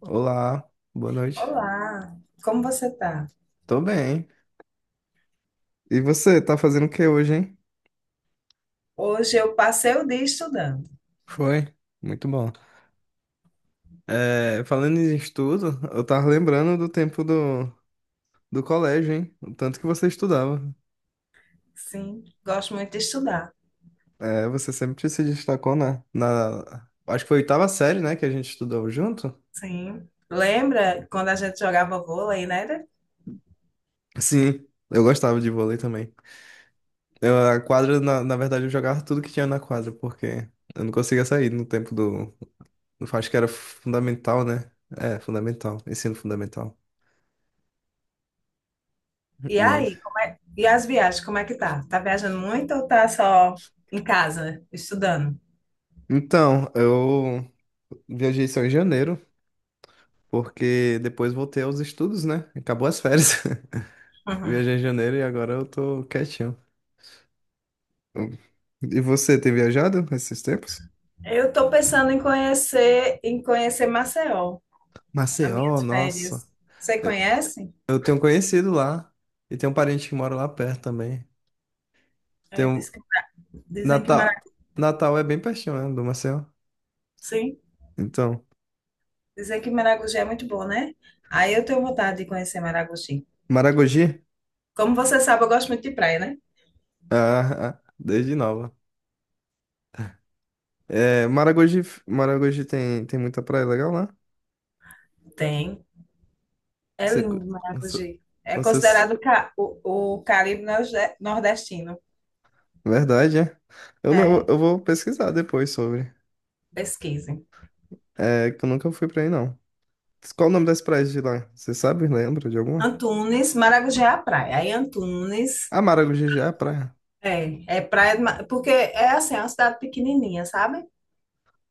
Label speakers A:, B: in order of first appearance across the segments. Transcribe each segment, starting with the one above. A: Olá, boa noite.
B: Olá, como você está?
A: Tô bem. E você, tá fazendo o que hoje, hein?
B: Hoje eu passei o dia estudando.
A: Foi, muito bom. É, falando em estudo, eu tava lembrando do tempo do colégio, hein? O tanto que você estudava.
B: Sim, gosto muito de estudar.
A: É, você sempre se destacou na... Acho que foi a oitava série, né, que a gente estudou junto?
B: Sim. Lembra quando a gente jogava vôlei, né?
A: Sim, eu gostava de vôlei também. Eu, a quadra, na verdade, eu jogava tudo que tinha na quadra, porque eu não conseguia sair no tempo do... Acho que era fundamental, né? É, fundamental, ensino fundamental.
B: E
A: Né.
B: aí, e as viagens, como é que tá? Tá viajando muito ou tá só em casa estudando?
A: Então, eu viajei só em janeiro, porque depois voltei aos estudos, né? Acabou as férias. Viajei em janeiro e agora eu tô quietinho. E você, tem viajado esses tempos?
B: Eu tô pensando em conhecer Maceió, as
A: Maceió,
B: minhas
A: nossa.
B: férias. Você
A: Eu
B: conhece?
A: eu tenho um conhecido lá e tem um parente que mora lá perto também. Tem
B: É,
A: um...
B: diz que- Dizem que
A: Natal...
B: Maragogi,
A: Natal é bem pertinho, né, do Maceió.
B: sim,
A: Então,
B: dizem que Maragogi é muito bom, né? Aí eu tenho vontade de conhecer Maragogi.
A: Maragogi?
B: Como você sabe, eu gosto muito de praia, né?
A: Ah, ah, desde nova. É, Maragogi, Maragogi tem, muita praia legal.
B: Tem. É
A: Você,
B: lindo,
A: você,
B: Maragogi. É
A: vocês-
B: considerado o Caribe nordestino.
A: Verdade, é? Eu não, eu
B: É,
A: eu vou pesquisar depois sobre.
B: pesquisem.
A: É que eu nunca fui pra aí, não. Qual o nome das praias de lá? Você sabe? Lembra de alguma?
B: Antunes, Maragogi é a praia. Aí Antunes
A: Ah, Maragogi é a praia.
B: é, é praia, porque é assim, é uma cidade pequenininha, sabe?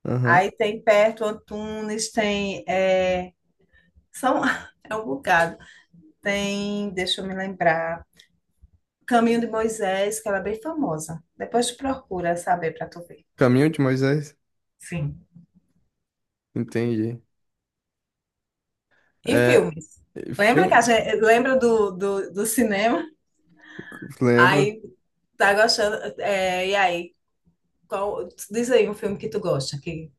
A: Aham.
B: Aí tem perto Antunes, tem, é, são, é um bocado. Tem, deixa eu me lembrar, Caminho de Moisés, que ela é bem famosa. Depois tu procura saber para tu ver.
A: Caminho de Moisés?
B: Sim.
A: Entendi.
B: E
A: É,
B: filmes. Lembra que a
A: filme?
B: gente, lembra do cinema?
A: Lembro.
B: Aí tá gostando. É, e aí, qual, diz aí um filme que tu gosta. Que,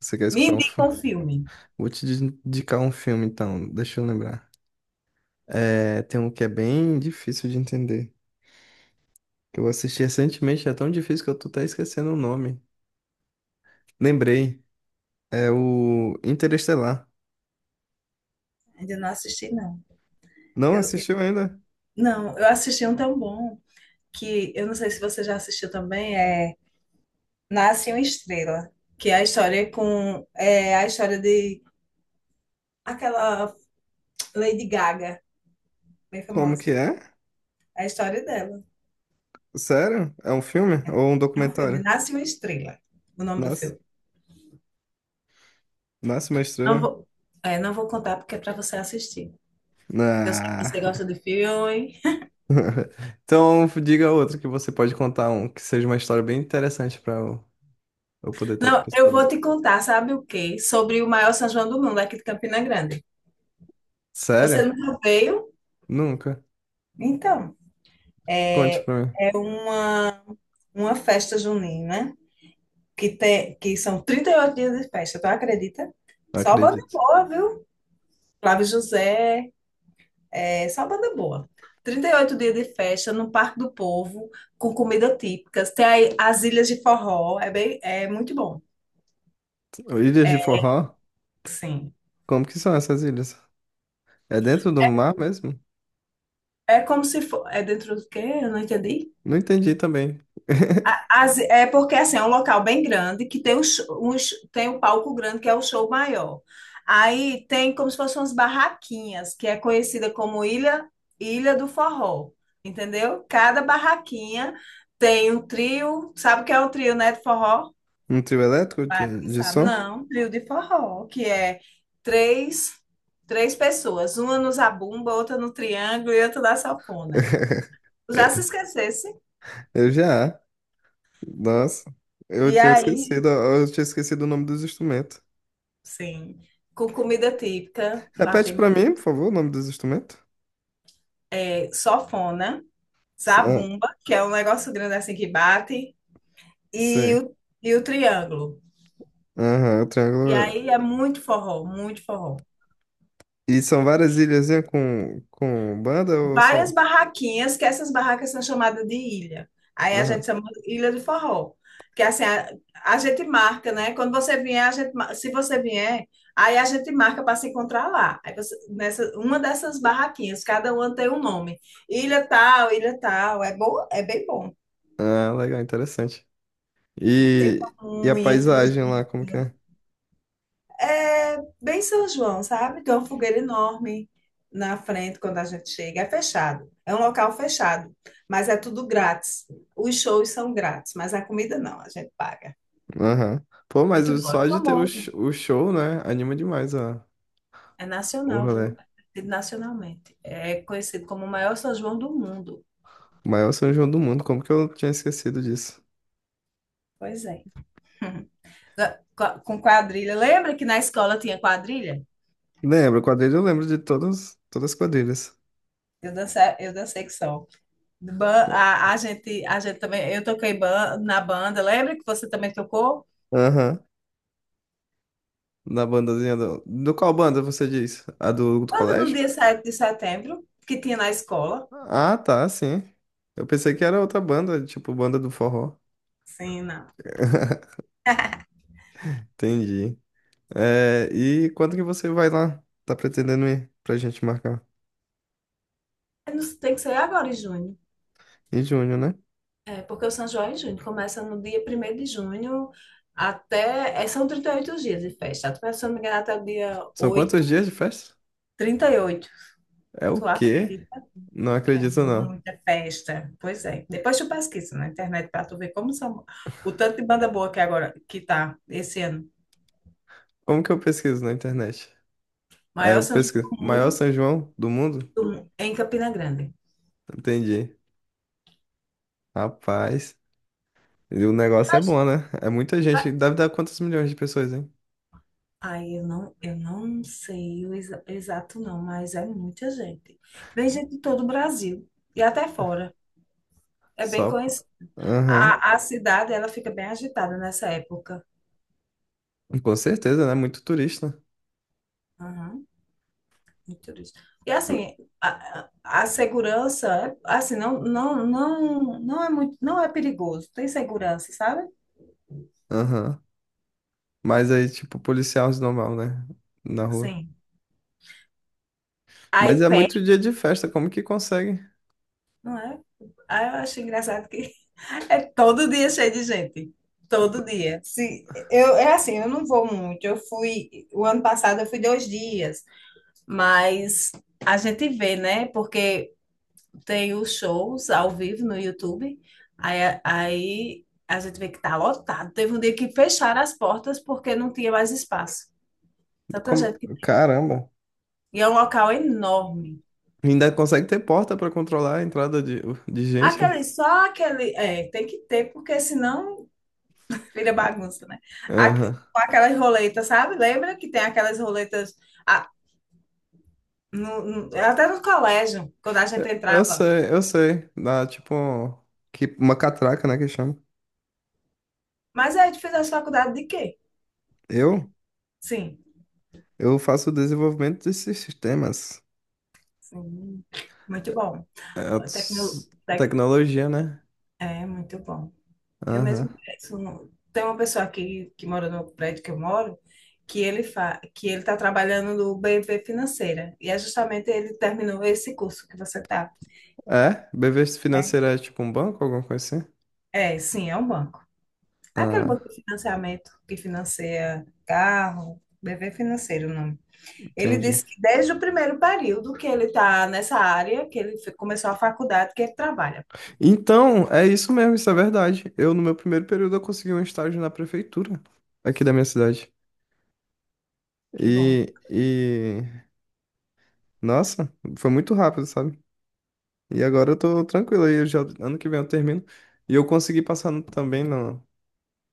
A: Você quer
B: me
A: escutar um
B: indica
A: filme?
B: um filme.
A: Vou te indicar um filme, então. Deixa eu lembrar. É, tem um que é bem difícil de entender. Que eu assisti recentemente, é tão difícil que eu tô até esquecendo o nome. Lembrei. É o Interestelar.
B: Ainda não assisti, não.
A: Não
B: Eu, eu-
A: assistiu ainda?
B: não, eu assisti um tão bom que eu não sei se você já assistiu também, é Nasce uma Estrela, que é a história com é a história de aquela Lady Gaga, bem
A: Como que
B: famosa.
A: é?
B: É a história dela.
A: Sério? É um filme ou um
B: É um filme,
A: documentário?
B: Nasce uma Estrela, o nome do
A: Nasce,
B: filme.
A: nasce uma
B: Não
A: estrela.
B: vou, É, não vou contar porque é para você assistir. Porque eu sei que
A: Ah.
B: você gosta de filme.
A: Então diga outro que você pode contar um que seja uma história bem interessante pra eu poder estar
B: Não, eu vou
A: pensando.
B: te contar, sabe o quê? Sobre o maior São João do mundo, aqui de Campina Grande. Você
A: Sério?
B: nunca veio?
A: Nunca.
B: Então,
A: Conte pra mim.
B: é uma festa junina, né? Que, tem que são 38 dias de festa, tu acredita?
A: Não
B: Só banda
A: acredito.
B: boa, viu? Flávio José, é só banda boa. 38 dias de festa no Parque do Povo, com comida típica. Tem aí as ilhas de forró, é bem, é muito bom.
A: Ilhas de Forró?
B: Sim.
A: Como que são essas ilhas? É dentro do mar mesmo?
B: É como se for. É dentro do quê? Eu não entendi.
A: Não entendi também.
B: É porque assim, é um local bem grande que tem tem um palco grande que é o show maior. Aí tem como se fossem umas barraquinhas, que é conhecida como Ilha do Forró. Entendeu? Cada barraquinha tem um trio. Sabe o que é um trio, né, de forró?
A: Um trio elétrico
B: Claro
A: de,
B: que
A: de
B: sabe.
A: som?
B: Não, um trio de forró, que é três, três pessoas, uma no zabumba, outra no triângulo e outra na sanfona. Já se esquecesse?
A: Eu já. Nossa,
B: E aí,
A: eu tinha esquecido o nome dos instrumentos.
B: sim, com comida típica, lá
A: Repete
B: tem
A: pra mim, por favor, o nome dos instrumentos.
B: é, sofona,
A: São,
B: zabumba, que é um negócio grande assim que bate, e
A: sei.
B: o, e o triângulo.
A: Aham, o
B: E
A: triângulo.
B: aí é muito forró, muito forró.
A: E são várias ilhazinhas com banda ou só?
B: Várias barraquinhas, que essas barracas são chamadas de ilha. Aí a
A: Aham.
B: gente chama ilha de forró. Que é assim, a gente marca, né? Quando você vier, se você vier, aí a gente marca para se encontrar lá. Nessa, uma dessas barraquinhas, cada uma tem um nome. Ilha tal, ilha tal. É bom, é bem bom.
A: Ah, legal, interessante.
B: Tem
A: E, e a
B: pamonha,
A: paisagem
B: tem
A: lá, como que é?
B: é bem São João, sabe? Tem uma fogueira enorme na frente quando a gente chega. É fechado. É um local fechado, mas é tudo grátis. Os shows são grátis, mas a comida não, a gente paga.
A: Aham. Pô, mas
B: Muito bom, é
A: só de ter
B: famoso.
A: o show, né? Anima demais, ó.
B: É
A: O
B: nacional,
A: rolê.
B: viu? É conhecido nacionalmente. É conhecido como o maior São João do mundo.
A: O maior São João do mundo, como que eu tinha esquecido disso?
B: Pois é. Com quadrilha. Lembra que na escola tinha quadrilha?
A: Lembro, quadrilha eu lembro de todas, todas as quadrilhas.
B: Eu dancei que só. A, a gente também, na banda. Lembra que você também tocou?
A: Aham. Na bandazinha do... Do qual banda você diz? A do
B: Nada no
A: colégio?
B: dia 7 de setembro, que tinha na escola.
A: Ah, tá, sim. Eu pensei que era outra banda, tipo banda do forró.
B: Sim, não.
A: Entendi. É, e quando que você vai lá? Tá pretendendo ir pra gente marcar?
B: É, não. Tem que ser agora em junho.
A: Em junho, né?
B: É, porque o São João é em junho. Começa no dia primeiro de junho até, é, são 38 dias de festa. Tu pensa, se eu não me engano, até o dia
A: São
B: 8.
A: quantos dias de festa?
B: 38.
A: É o
B: Tu
A: quê?
B: acredita?
A: Não
B: É
A: acredito, não.
B: muita festa. Pois é. Depois tu pesquisa na internet para tu ver como são. O tanto de banda boa que agora que tá esse ano.
A: Como que eu pesquiso na internet? É,
B: Maior
A: eu
B: São João
A: pesquiso.
B: do
A: Maior
B: mundo
A: São João do mundo?
B: em Campina Grande.
A: Entendi. Rapaz, e o negócio é bom, né? É muita gente. Deve dar quantos milhões de pessoas, hein?
B: Aí eu não sei o exato não, mas é muita gente. Vem gente de todo o Brasil e até fora. É bem
A: Só.
B: conhecido.
A: Aham.
B: A cidade, ela fica bem agitada nessa época.
A: Com certeza, né? Muito turista.
B: Uhum, muito isso. E assim, a segurança, é, assim, não é muito, não é perigoso. Tem segurança, sabe?
A: Aham. Mas aí, tipo, policial normal, né? Na rua.
B: Sim.
A: Mas
B: Aí
A: é
B: pé,
A: muito dia de festa, como que consegue?
B: não é? Aí eu acho engraçado que é todo dia cheio de gente. Todo dia. Se, eu, é assim, eu não vou muito. Eu fui, o ano passado eu fui 2 dias. Mas a gente vê, né? Porque tem os shows ao vivo no YouTube. Aí a gente vê que tá lotado. Teve um dia que fecharam as portas porque não tinha mais espaço. Tanta gente.
A: Caramba.
B: E é um local enorme.
A: Ainda consegue ter porta pra controlar a entrada de gente?
B: Aquele, só aquele. É, tem que ter, porque senão vira bagunça, né?
A: Aham.
B: Com aquelas roletas, sabe? Lembra que tem aquelas roletas, ah, no- até no colégio, quando a gente
A: Eu
B: entrava.
A: sei, eu sei. Dá tipo que, uma catraca, né, que chama.
B: Mas aí tu fez a faculdade de quê?
A: Eu,
B: Sim,
A: eu faço o desenvolvimento desses sistemas.
B: sim. Muito bom.
A: É,
B: Tecno, tec-
A: tecnologia, né?
B: É, muito bom. Eu
A: Aham.
B: mesmo penso, tem uma pessoa aqui que mora no prédio que eu moro, que ele está trabalhando no BV Financeira. E é justamente ele terminou esse curso que você está.
A: É? BV
B: É,
A: financeira é tipo um banco, alguma coisa assim?
B: é, sim, é um banco. É aquele banco
A: Ah,
B: de financiamento que financia carro, BV Financeiro, o nome. Ele
A: entendi.
B: disse que desde o primeiro período que ele está nessa área, começou a faculdade, que ele trabalha.
A: Então, é isso mesmo, isso é verdade. Eu, no meu primeiro período, eu consegui um estágio na prefeitura aqui da minha cidade.
B: Que bom.
A: E, e... Nossa, foi muito rápido, sabe? E agora eu tô tranquilo aí, eu já, ano que vem eu termino. E eu consegui passar também na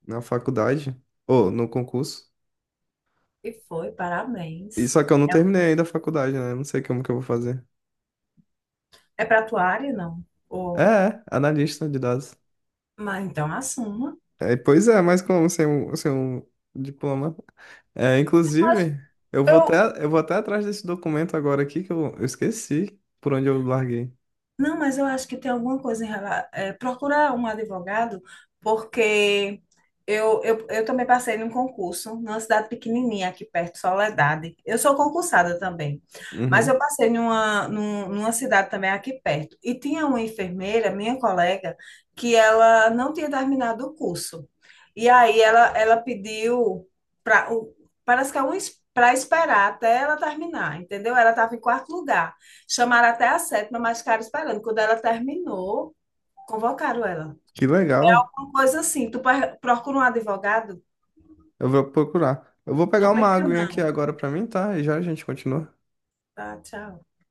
A: na faculdade, ou no concurso.
B: E foi,
A: E
B: parabéns.
A: só que eu não
B: É,
A: terminei ainda a faculdade, né? Eu não sei como que eu vou fazer.
B: é para tua área, não?
A: É,
B: Ou,
A: é, analista de dados.
B: mas então assuma.
A: É, pois é, mas como ser um diploma? É,
B: Mas
A: inclusive, eu vou
B: eu,
A: até, eu vou até atrás desse documento agora aqui que eu esqueci por onde eu larguei.
B: não, mas eu acho que tem alguma coisa em relação. Procurar um advogado, porque eu também passei num concurso numa cidade pequenininha aqui perto, Soledade. Eu sou concursada também, mas eu
A: Uhum.
B: passei numa cidade também aqui perto. E tinha uma enfermeira, minha colega, que ela não tinha terminado o curso. E aí ela pediu para, parece que é um, para esperar até ela terminar, entendeu? Ela estava em quarto lugar. Chamaram até a sétima, mas ficaram esperando. Quando ela terminou, convocaram ela.
A: Que legal.
B: Uma coisa assim, procura um advogado?
A: Eu vou procurar. Eu vou pegar
B: Não
A: uma
B: perca,
A: aguinha aqui
B: não.
A: agora pra mim, tá? E já a gente continua.
B: Tá, tchau.